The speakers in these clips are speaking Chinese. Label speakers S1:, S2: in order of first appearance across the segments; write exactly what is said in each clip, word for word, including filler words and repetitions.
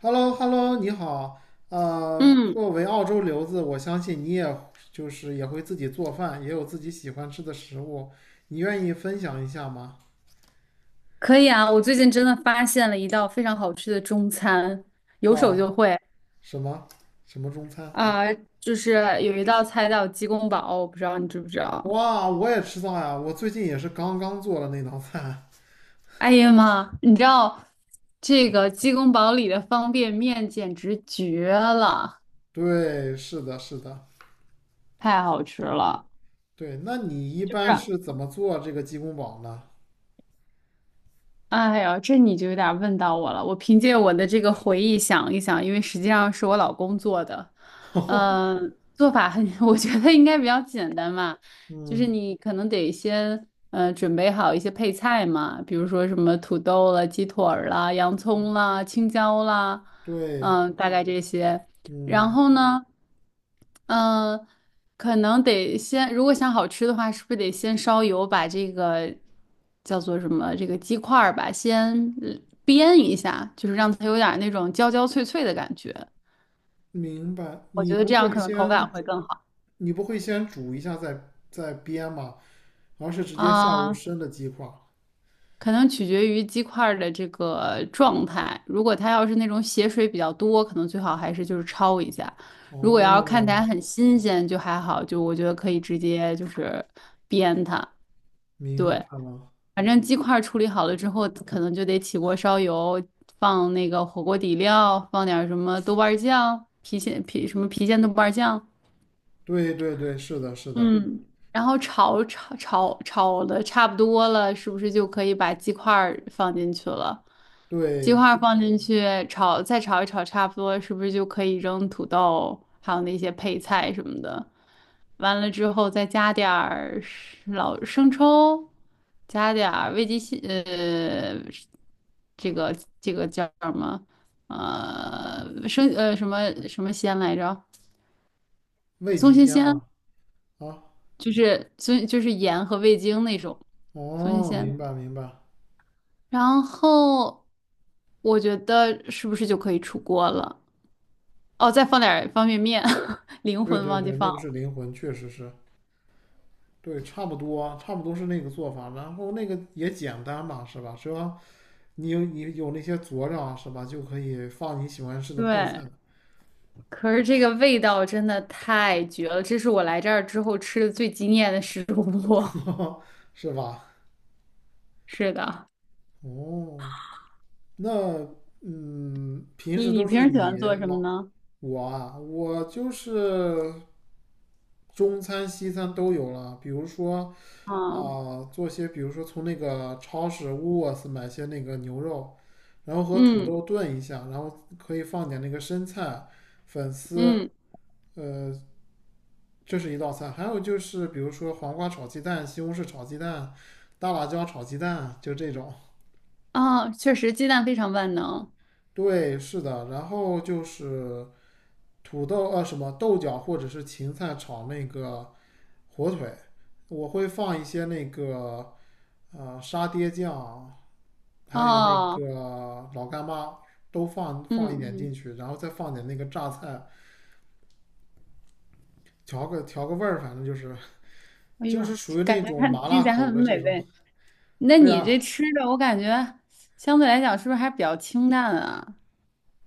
S1: h e l l o h e l l o 你好。呃，
S2: 嗯，
S1: 作为澳洲留子，我相信你也就是也会自己做饭，也有自己喜欢吃的食物。你愿意分享一下吗？
S2: 可以啊！我最近真的发现了一道非常好吃的中餐，有手
S1: 啊，
S2: 就会。
S1: 什么什么中餐？
S2: 啊、就是有一道菜叫鸡公煲，我不知道你知不知道？
S1: 哇，我也吃到呀！我最近也是刚刚做了那道菜。
S2: 哎呀妈，你知道这个鸡公煲里的方便面简直绝了，
S1: 对，是的，是的，
S2: 太好吃了！
S1: 对。那你一
S2: 就
S1: 般
S2: 是。
S1: 是怎么做这个鸡公煲呢？
S2: 哎呀，这你就有点问到我了。我凭借我的这个回忆想一想，因为实际上是我老公做的，嗯、做法很，我觉得应该比较简单嘛，就是
S1: 嗯，
S2: 你可能得先嗯，准备好一些配菜嘛，比如说什么土豆了、鸡腿儿啦、洋葱啦、青椒啦，
S1: 对，
S2: 嗯、大概这些，然
S1: 嗯，
S2: 后呢，嗯、可能得先，如果想好吃的话，是不是得先烧油，把这个叫做什么这个鸡块儿吧，先呃煸一下，就是让它有点儿那种焦焦脆脆的感觉。
S1: 明白。
S2: 我
S1: 你
S2: 觉得
S1: 不
S2: 这样
S1: 会
S2: 可能口
S1: 先
S2: 感会更好。
S1: 你不会先煮一下再再煸吗？而是直接下入
S2: 啊、
S1: 生的鸡块。
S2: 可能取决于鸡块儿的这个状态。如果它要是那种血水比较多，可能最好还是就是焯一下。如果要看起来
S1: 哦，
S2: 很新鲜，就还好，就我觉得可以直接就是煸它。
S1: 明白
S2: 对，
S1: 了。
S2: 反正鸡块处理好了之后，可能就得起锅烧油，放那个火锅底料，放点儿什么豆瓣儿酱、郫县郫什么郫县豆瓣儿酱，
S1: 对对对，是的，是的，
S2: 嗯，然后炒炒炒炒的差不多了，是不是就可以把鸡块儿放进去了？鸡
S1: 对，
S2: 块放进去炒，再炒一炒，差不多是不是就可以扔土豆，还有那些配菜什么的？完了之后再加点儿老生抽，加点儿味极鲜，呃，这个这个叫什么？呃，生呃什么什么鲜来着？
S1: 味
S2: 松
S1: 极
S2: 鲜
S1: 鲜
S2: 鲜，
S1: 嘛。啊，
S2: 就是松就是盐和味精那种松鲜
S1: 哦，明
S2: 鲜。
S1: 白明白。
S2: 然后我觉得是不是就可以出锅了？哦，再放点儿方便面，灵
S1: 对
S2: 魂
S1: 对
S2: 忘记
S1: 对，
S2: 放
S1: 那个是
S2: 了。
S1: 灵魂，确实是。对，差不多啊，差不多是那个做法。然后那个也简单嘛，是吧？是吧？你有你有那些佐料啊，是吧？就可以放你喜欢吃的配菜。
S2: 对，可是这个味道真的太绝了，这是我来这儿之后吃的最惊艳的食物。
S1: 是吧？
S2: 是的，
S1: 哦，那嗯，平
S2: 你
S1: 时
S2: 你
S1: 都
S2: 平
S1: 是
S2: 时喜
S1: 你
S2: 欢做什么
S1: 老
S2: 呢？
S1: 我啊，我就是中餐西餐都有了，比如说
S2: 啊，
S1: 啊、做些比如说从那个超市 w o 买些那个牛肉，然后和土
S2: 嗯
S1: 豆炖一下，然后可以放点那个生菜、粉丝，
S2: 嗯，
S1: 呃，这是一道菜。还有就是比如说黄瓜炒鸡蛋、西红柿炒鸡蛋、大辣椒炒鸡蛋，就这种。
S2: 啊，确实鸡蛋非常万能。
S1: 对，是的，然后就是。土豆呃啊什么豆角或者是芹菜炒那个火腿，我会放一些那个呃沙爹酱，还有那
S2: 哦，
S1: 个老干妈都放
S2: 嗯
S1: 放一点进
S2: 嗯，
S1: 去，然后再放点那个榨菜，调个调个味儿，反正就是
S2: 哎
S1: 就是
S2: 呦，
S1: 属于那
S2: 感觉
S1: 种
S2: 看
S1: 麻
S2: 听
S1: 辣
S2: 起来
S1: 口
S2: 很
S1: 的这
S2: 美
S1: 种。
S2: 味。那
S1: 对
S2: 你
S1: 啊，
S2: 这吃的，我感觉相对来讲是不是还比较清淡啊？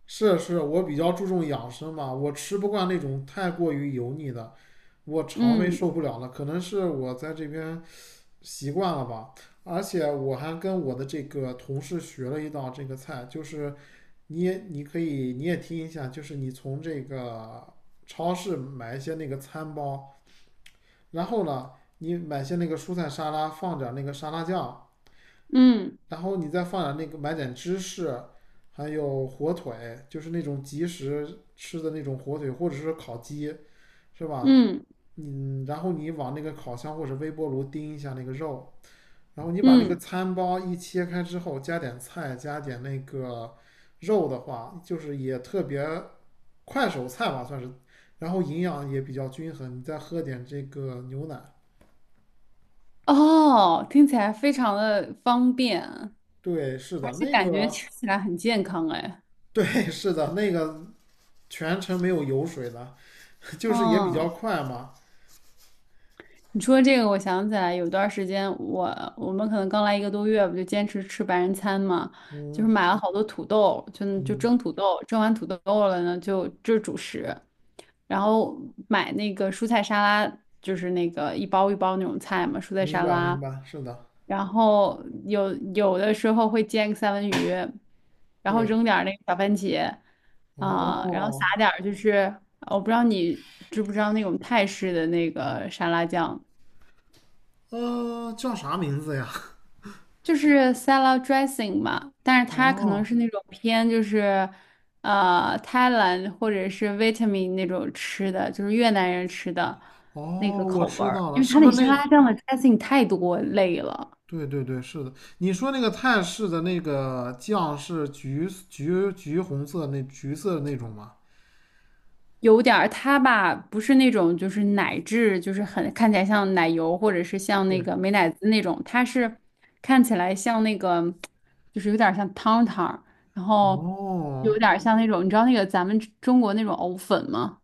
S1: 是是，我比较注重养生嘛，我吃不惯那种太过于油腻的，我肠胃
S2: 嗯
S1: 受不了了，可能是我在这边。习惯了吧。而且我还跟我的这个同事学了一道这个菜，就是你也你可以你也听一下，就是你从这个超市买一些那个餐包，然后呢，你买些那个蔬菜沙拉，放点那个沙拉酱，
S2: 嗯
S1: 然后你再放点那个买点芝士，还有火腿，就是那种即食吃的那种火腿，或者是烤鸡，是吧？
S2: 嗯
S1: 嗯，然后你往那个烤箱或者微波炉叮一下那个肉，然后你把那个
S2: 嗯。
S1: 餐包一切开之后，加点菜，加点那个肉的话，就是也特别快手菜吧，算是，然后营养也比较均衡。你再喝点这个牛奶，
S2: 哦，听起来非常的方便，
S1: 对，是
S2: 而
S1: 的，
S2: 且
S1: 那
S2: 感觉
S1: 个，
S2: 吃起来很健康哎。
S1: 对，是的，那个全程没有油水的，就是也比较
S2: 嗯，
S1: 快嘛。
S2: 你说这个，我想起来有段儿时间我，我们可能刚来一个多月，不就坚持吃白人餐嘛，就是
S1: 嗯
S2: 买了好多土豆，就就
S1: 嗯，
S2: 蒸土豆，蒸完土豆了呢，就就是主食，然后买那个蔬菜沙拉，就是那个一包一包那种菜嘛，蔬菜
S1: 明
S2: 沙
S1: 白明
S2: 拉，
S1: 白，是的，
S2: 然后有有的时候会煎个三文鱼，然后
S1: 对，
S2: 扔点儿那个小番茄啊，然后撒
S1: 哦，
S2: 点儿就是我不知道你知不知道那种泰式的那个沙拉酱。
S1: 呃，叫啥名字呀？
S2: 就是 salad dressing 嘛，但是它可能
S1: 哦
S2: 是那种偏就是呃泰兰或者是 v i e t a m 那种吃的，就是越南人吃的那
S1: 哦，
S2: 个
S1: 我
S2: 口味
S1: 知
S2: 儿，
S1: 道了，
S2: 因为
S1: 是
S2: 它
S1: 不
S2: 那
S1: 是
S2: 沙
S1: 那
S2: 拉酱的 dressing 太多类了，
S1: 对对对，是的。你说那个泰式的那个酱是橘橘橘红色那橘色的那种吗？
S2: 有点儿它吧不是那种就是奶质，就是很看起来像奶油或者是像那
S1: 对，
S2: 个美乃滋那种，它是看起来像那个就是有点儿像汤汤，然后
S1: 哦，
S2: 有点儿像那种你知道那个咱们中国那种藕粉吗？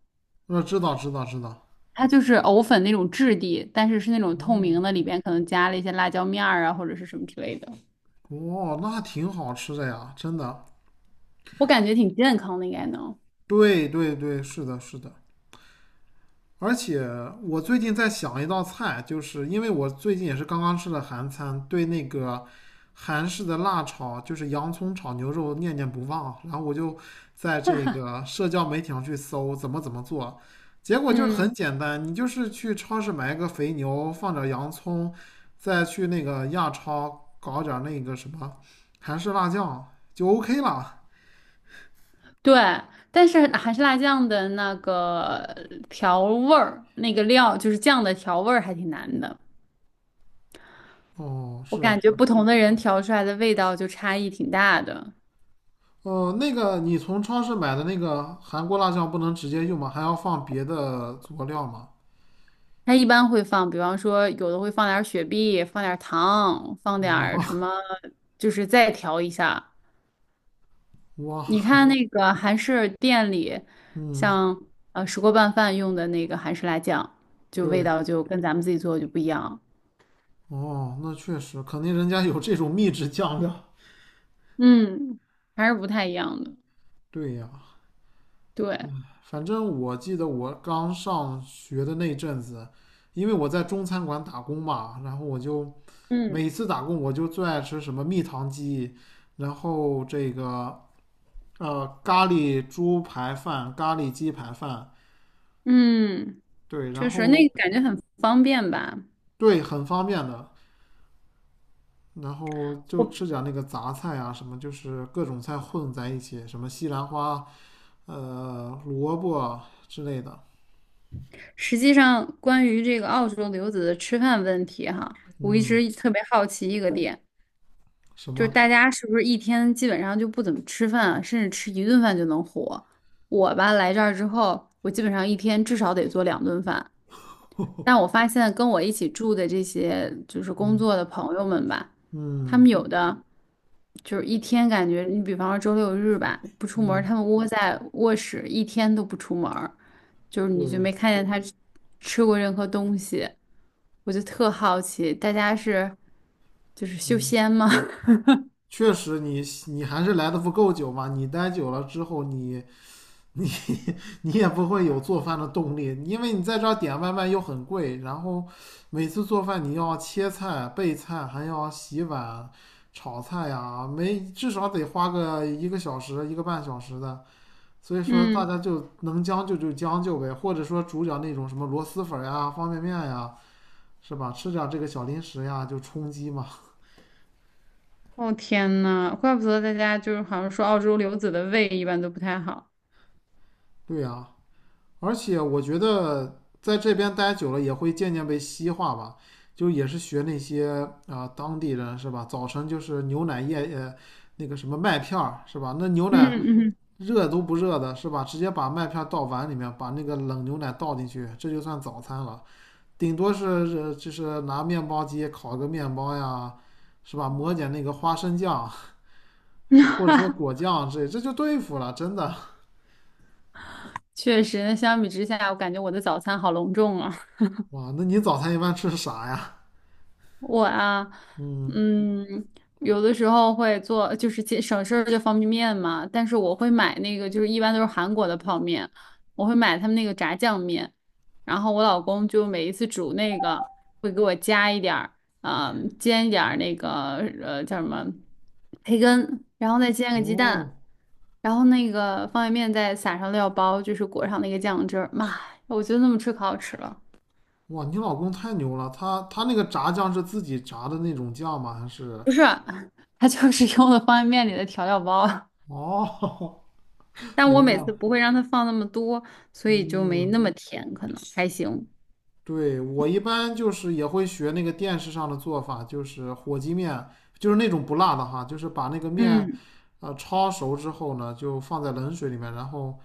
S1: 那知道知道知道。
S2: 它就是藕粉那种质地，但是是那种透
S1: 哦
S2: 明的，里边可能加了一些辣椒面儿啊，或者是什么之类的。
S1: 哦，那挺好吃的呀，真的。
S2: 我感觉挺健康的，应该能。
S1: 对对对，是的，是的。而且我最近在想一道菜，就是因为我最近也是刚刚吃了韩餐，对那个韩式的辣炒，就是洋葱炒牛肉念念不忘啊。然后我就在这个社交媒体上去搜怎么怎么做，结果就是很
S2: 嗯，
S1: 简单，你就是去超市买一个肥牛，放点洋葱，再去那个亚超搞点那个什么韩式辣酱就 O K 了。
S2: 对，但是韩式辣酱的那个调味儿，那个料就是酱的调味儿还挺难的。
S1: 哦，
S2: 我
S1: 是
S2: 感觉
S1: 是。
S2: 不同的人调出来的味道就差异挺大的。
S1: 哦，那个你从超市买的那个韩国辣酱不能直接用吗？还要放别的佐料吗？
S2: 他一般会放，比方说有的会放点儿雪碧，放点儿糖，放点儿什
S1: 哇
S2: 么，就是再调一下。你
S1: 哇，
S2: 看那个韩式店里，
S1: 嗯，
S2: 像呃石锅拌饭用的那个韩式辣酱，就味
S1: 对，
S2: 道就跟咱们自己做的就不一样，
S1: 哦，那确实，肯定人家有这种秘制酱料。
S2: 嗯，还是不太一样的。
S1: 对呀，
S2: 对，
S1: 反正我记得我刚上学的那阵子，因为我在中餐馆打工嘛，然后我就
S2: 嗯，
S1: 每次打工我就最爱吃什么蜜糖鸡，然后这个呃咖喱猪排饭、咖喱鸡排饭，
S2: 嗯，
S1: 对，然
S2: 确实，那
S1: 后。
S2: 个感觉很方便吧。
S1: 对，很方便的。然后就
S2: 我
S1: 吃点那个杂菜啊，什么就是各种菜混在一起，什么西兰花、呃萝卜啊之类的。
S2: 实际上关于这个澳洲留子的吃饭问题哈，我一
S1: 嗯，
S2: 直特别好奇一个点，
S1: 什
S2: 就是
S1: 么？
S2: 大家是不是一天基本上就不怎么吃饭啊甚至吃一顿饭就能活？我吧，来这儿之后，我基本上一天至少得做两顿饭。但我发现跟我一起住的这些就是工
S1: 嗯
S2: 作的朋友们吧，他们
S1: 嗯
S2: 有的就是一天感觉，你比方说周六日吧，不出门儿
S1: 嗯，
S2: 他们窝在卧室一天都不出门儿，就是
S1: 对，
S2: 你就没看见他吃吃过任何东西，我就特好奇，大家是就是修
S1: 嗯
S2: 仙吗？
S1: 确实你你还是来的不够久嘛，你待久了之后你。你你也不会有做饭的动力，因为你在这儿点外卖又很贵，然后每次做饭你要切菜、备菜，还要洗碗、炒菜呀，没至少得花个一个小时、一个半小时的。所以 说，大
S2: 嗯。
S1: 家就能将就就将就呗，或者说煮点那种什么螺蛳粉呀、方便面呀，是吧？吃点这个小零食呀，就充饥嘛。
S2: 哦天呐，怪不得大家就是好像说澳洲留子的胃一般都不太好。
S1: 对呀、而且我觉得在这边待久了也会渐渐被西化吧，就也是学那些啊、呃当地人是吧？早晨就是牛奶液呃那个什么麦片儿是吧？那牛
S2: 嗯
S1: 奶
S2: 嗯，嗯，
S1: 热都不热的是吧？直接把麦片倒碗里面，把那个冷牛奶倒进去，这就算早餐了。顶多是呃就是拿面包机烤个面包呀，是吧？抹点那个花生酱，或者说果酱这这就对付了，真的。
S2: 确实，那相比之下，我感觉我的早餐好隆重啊。
S1: 哇，那你早餐一般吃啥呀？
S2: 我啊，
S1: 嗯，
S2: 嗯，有的时候会做，就是其省事儿就方便面嘛，但是我会买那个，就是一般都是韩国的泡面，我会买他们那个炸酱面，然后我老公就每一次煮那个会给我加一点儿，啊、煎一点儿那个呃叫什么培根，然后再煎个鸡蛋，
S1: 哦，
S2: 然后那个方便面再撒上料包，就是裹上那个酱汁儿，妈呀，我觉得那么吃可好吃了。
S1: 哇，你老公太牛了，他他那个炸酱是自己炸的那种酱吗？还是？
S2: 不是，他就是用的方便面里的调料包，
S1: 哦，
S2: 但我
S1: 明白
S2: 每次
S1: 了。
S2: 不会让他放那么多，所以就没
S1: 嗯，
S2: 那么甜，可能还行。
S1: 对，我一般就是也会学那个电视上的做法，就是火鸡面，就是那种不辣的哈，就是把那个面，
S2: 嗯，
S1: 呃，焯熟之后呢，就放在冷水里面，然后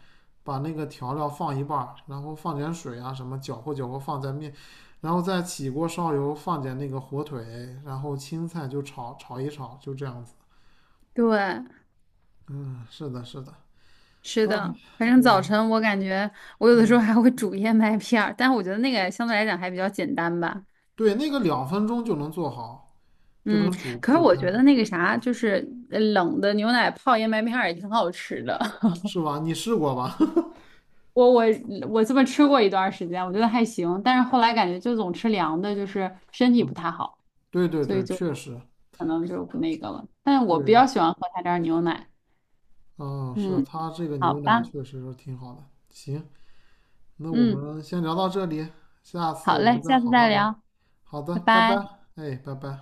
S1: 把那个调料放一半儿，然后放点水啊什么，搅和搅和放在面，然后再起锅烧油，放点那个火腿，然后青菜就炒炒一炒，就这样子。
S2: 对，
S1: 嗯，是的，是的，
S2: 是
S1: 啊，
S2: 的，反正
S1: 对
S2: 早
S1: 啊，
S2: 晨我感觉我有的时
S1: 嗯，
S2: 候还会煮燕麦片儿，但我觉得那个相对来讲还比较简单吧。
S1: 对，那个两分钟就能做好，就
S2: 嗯，
S1: 能煮
S2: 可是
S1: 煮
S2: 我
S1: 开
S2: 觉
S1: 的，
S2: 得那个啥，就是呃冷的牛奶泡燕麦片儿也挺好吃的。
S1: 是吧？你试过吧？
S2: 我我我这么吃过一段儿时间，我觉得还行，但是后来感觉就总吃凉的，就是身体
S1: 嗯，
S2: 不太好。
S1: 对对
S2: 所以
S1: 对，
S2: 就
S1: 确实，
S2: 可能就不那个了。但我比
S1: 对，
S2: 较喜欢喝他家牛奶。
S1: 嗯，是
S2: 嗯，
S1: 它这个
S2: 好
S1: 牛奶
S2: 吧，
S1: 确实是挺好的。行，那我
S2: 嗯，
S1: 们先聊到这里，下次
S2: 好
S1: 我
S2: 嘞，
S1: 们再
S2: 下次
S1: 好好
S2: 再
S1: 聊。
S2: 聊，
S1: 好的，
S2: 拜
S1: 拜拜，
S2: 拜。
S1: 哎，拜拜。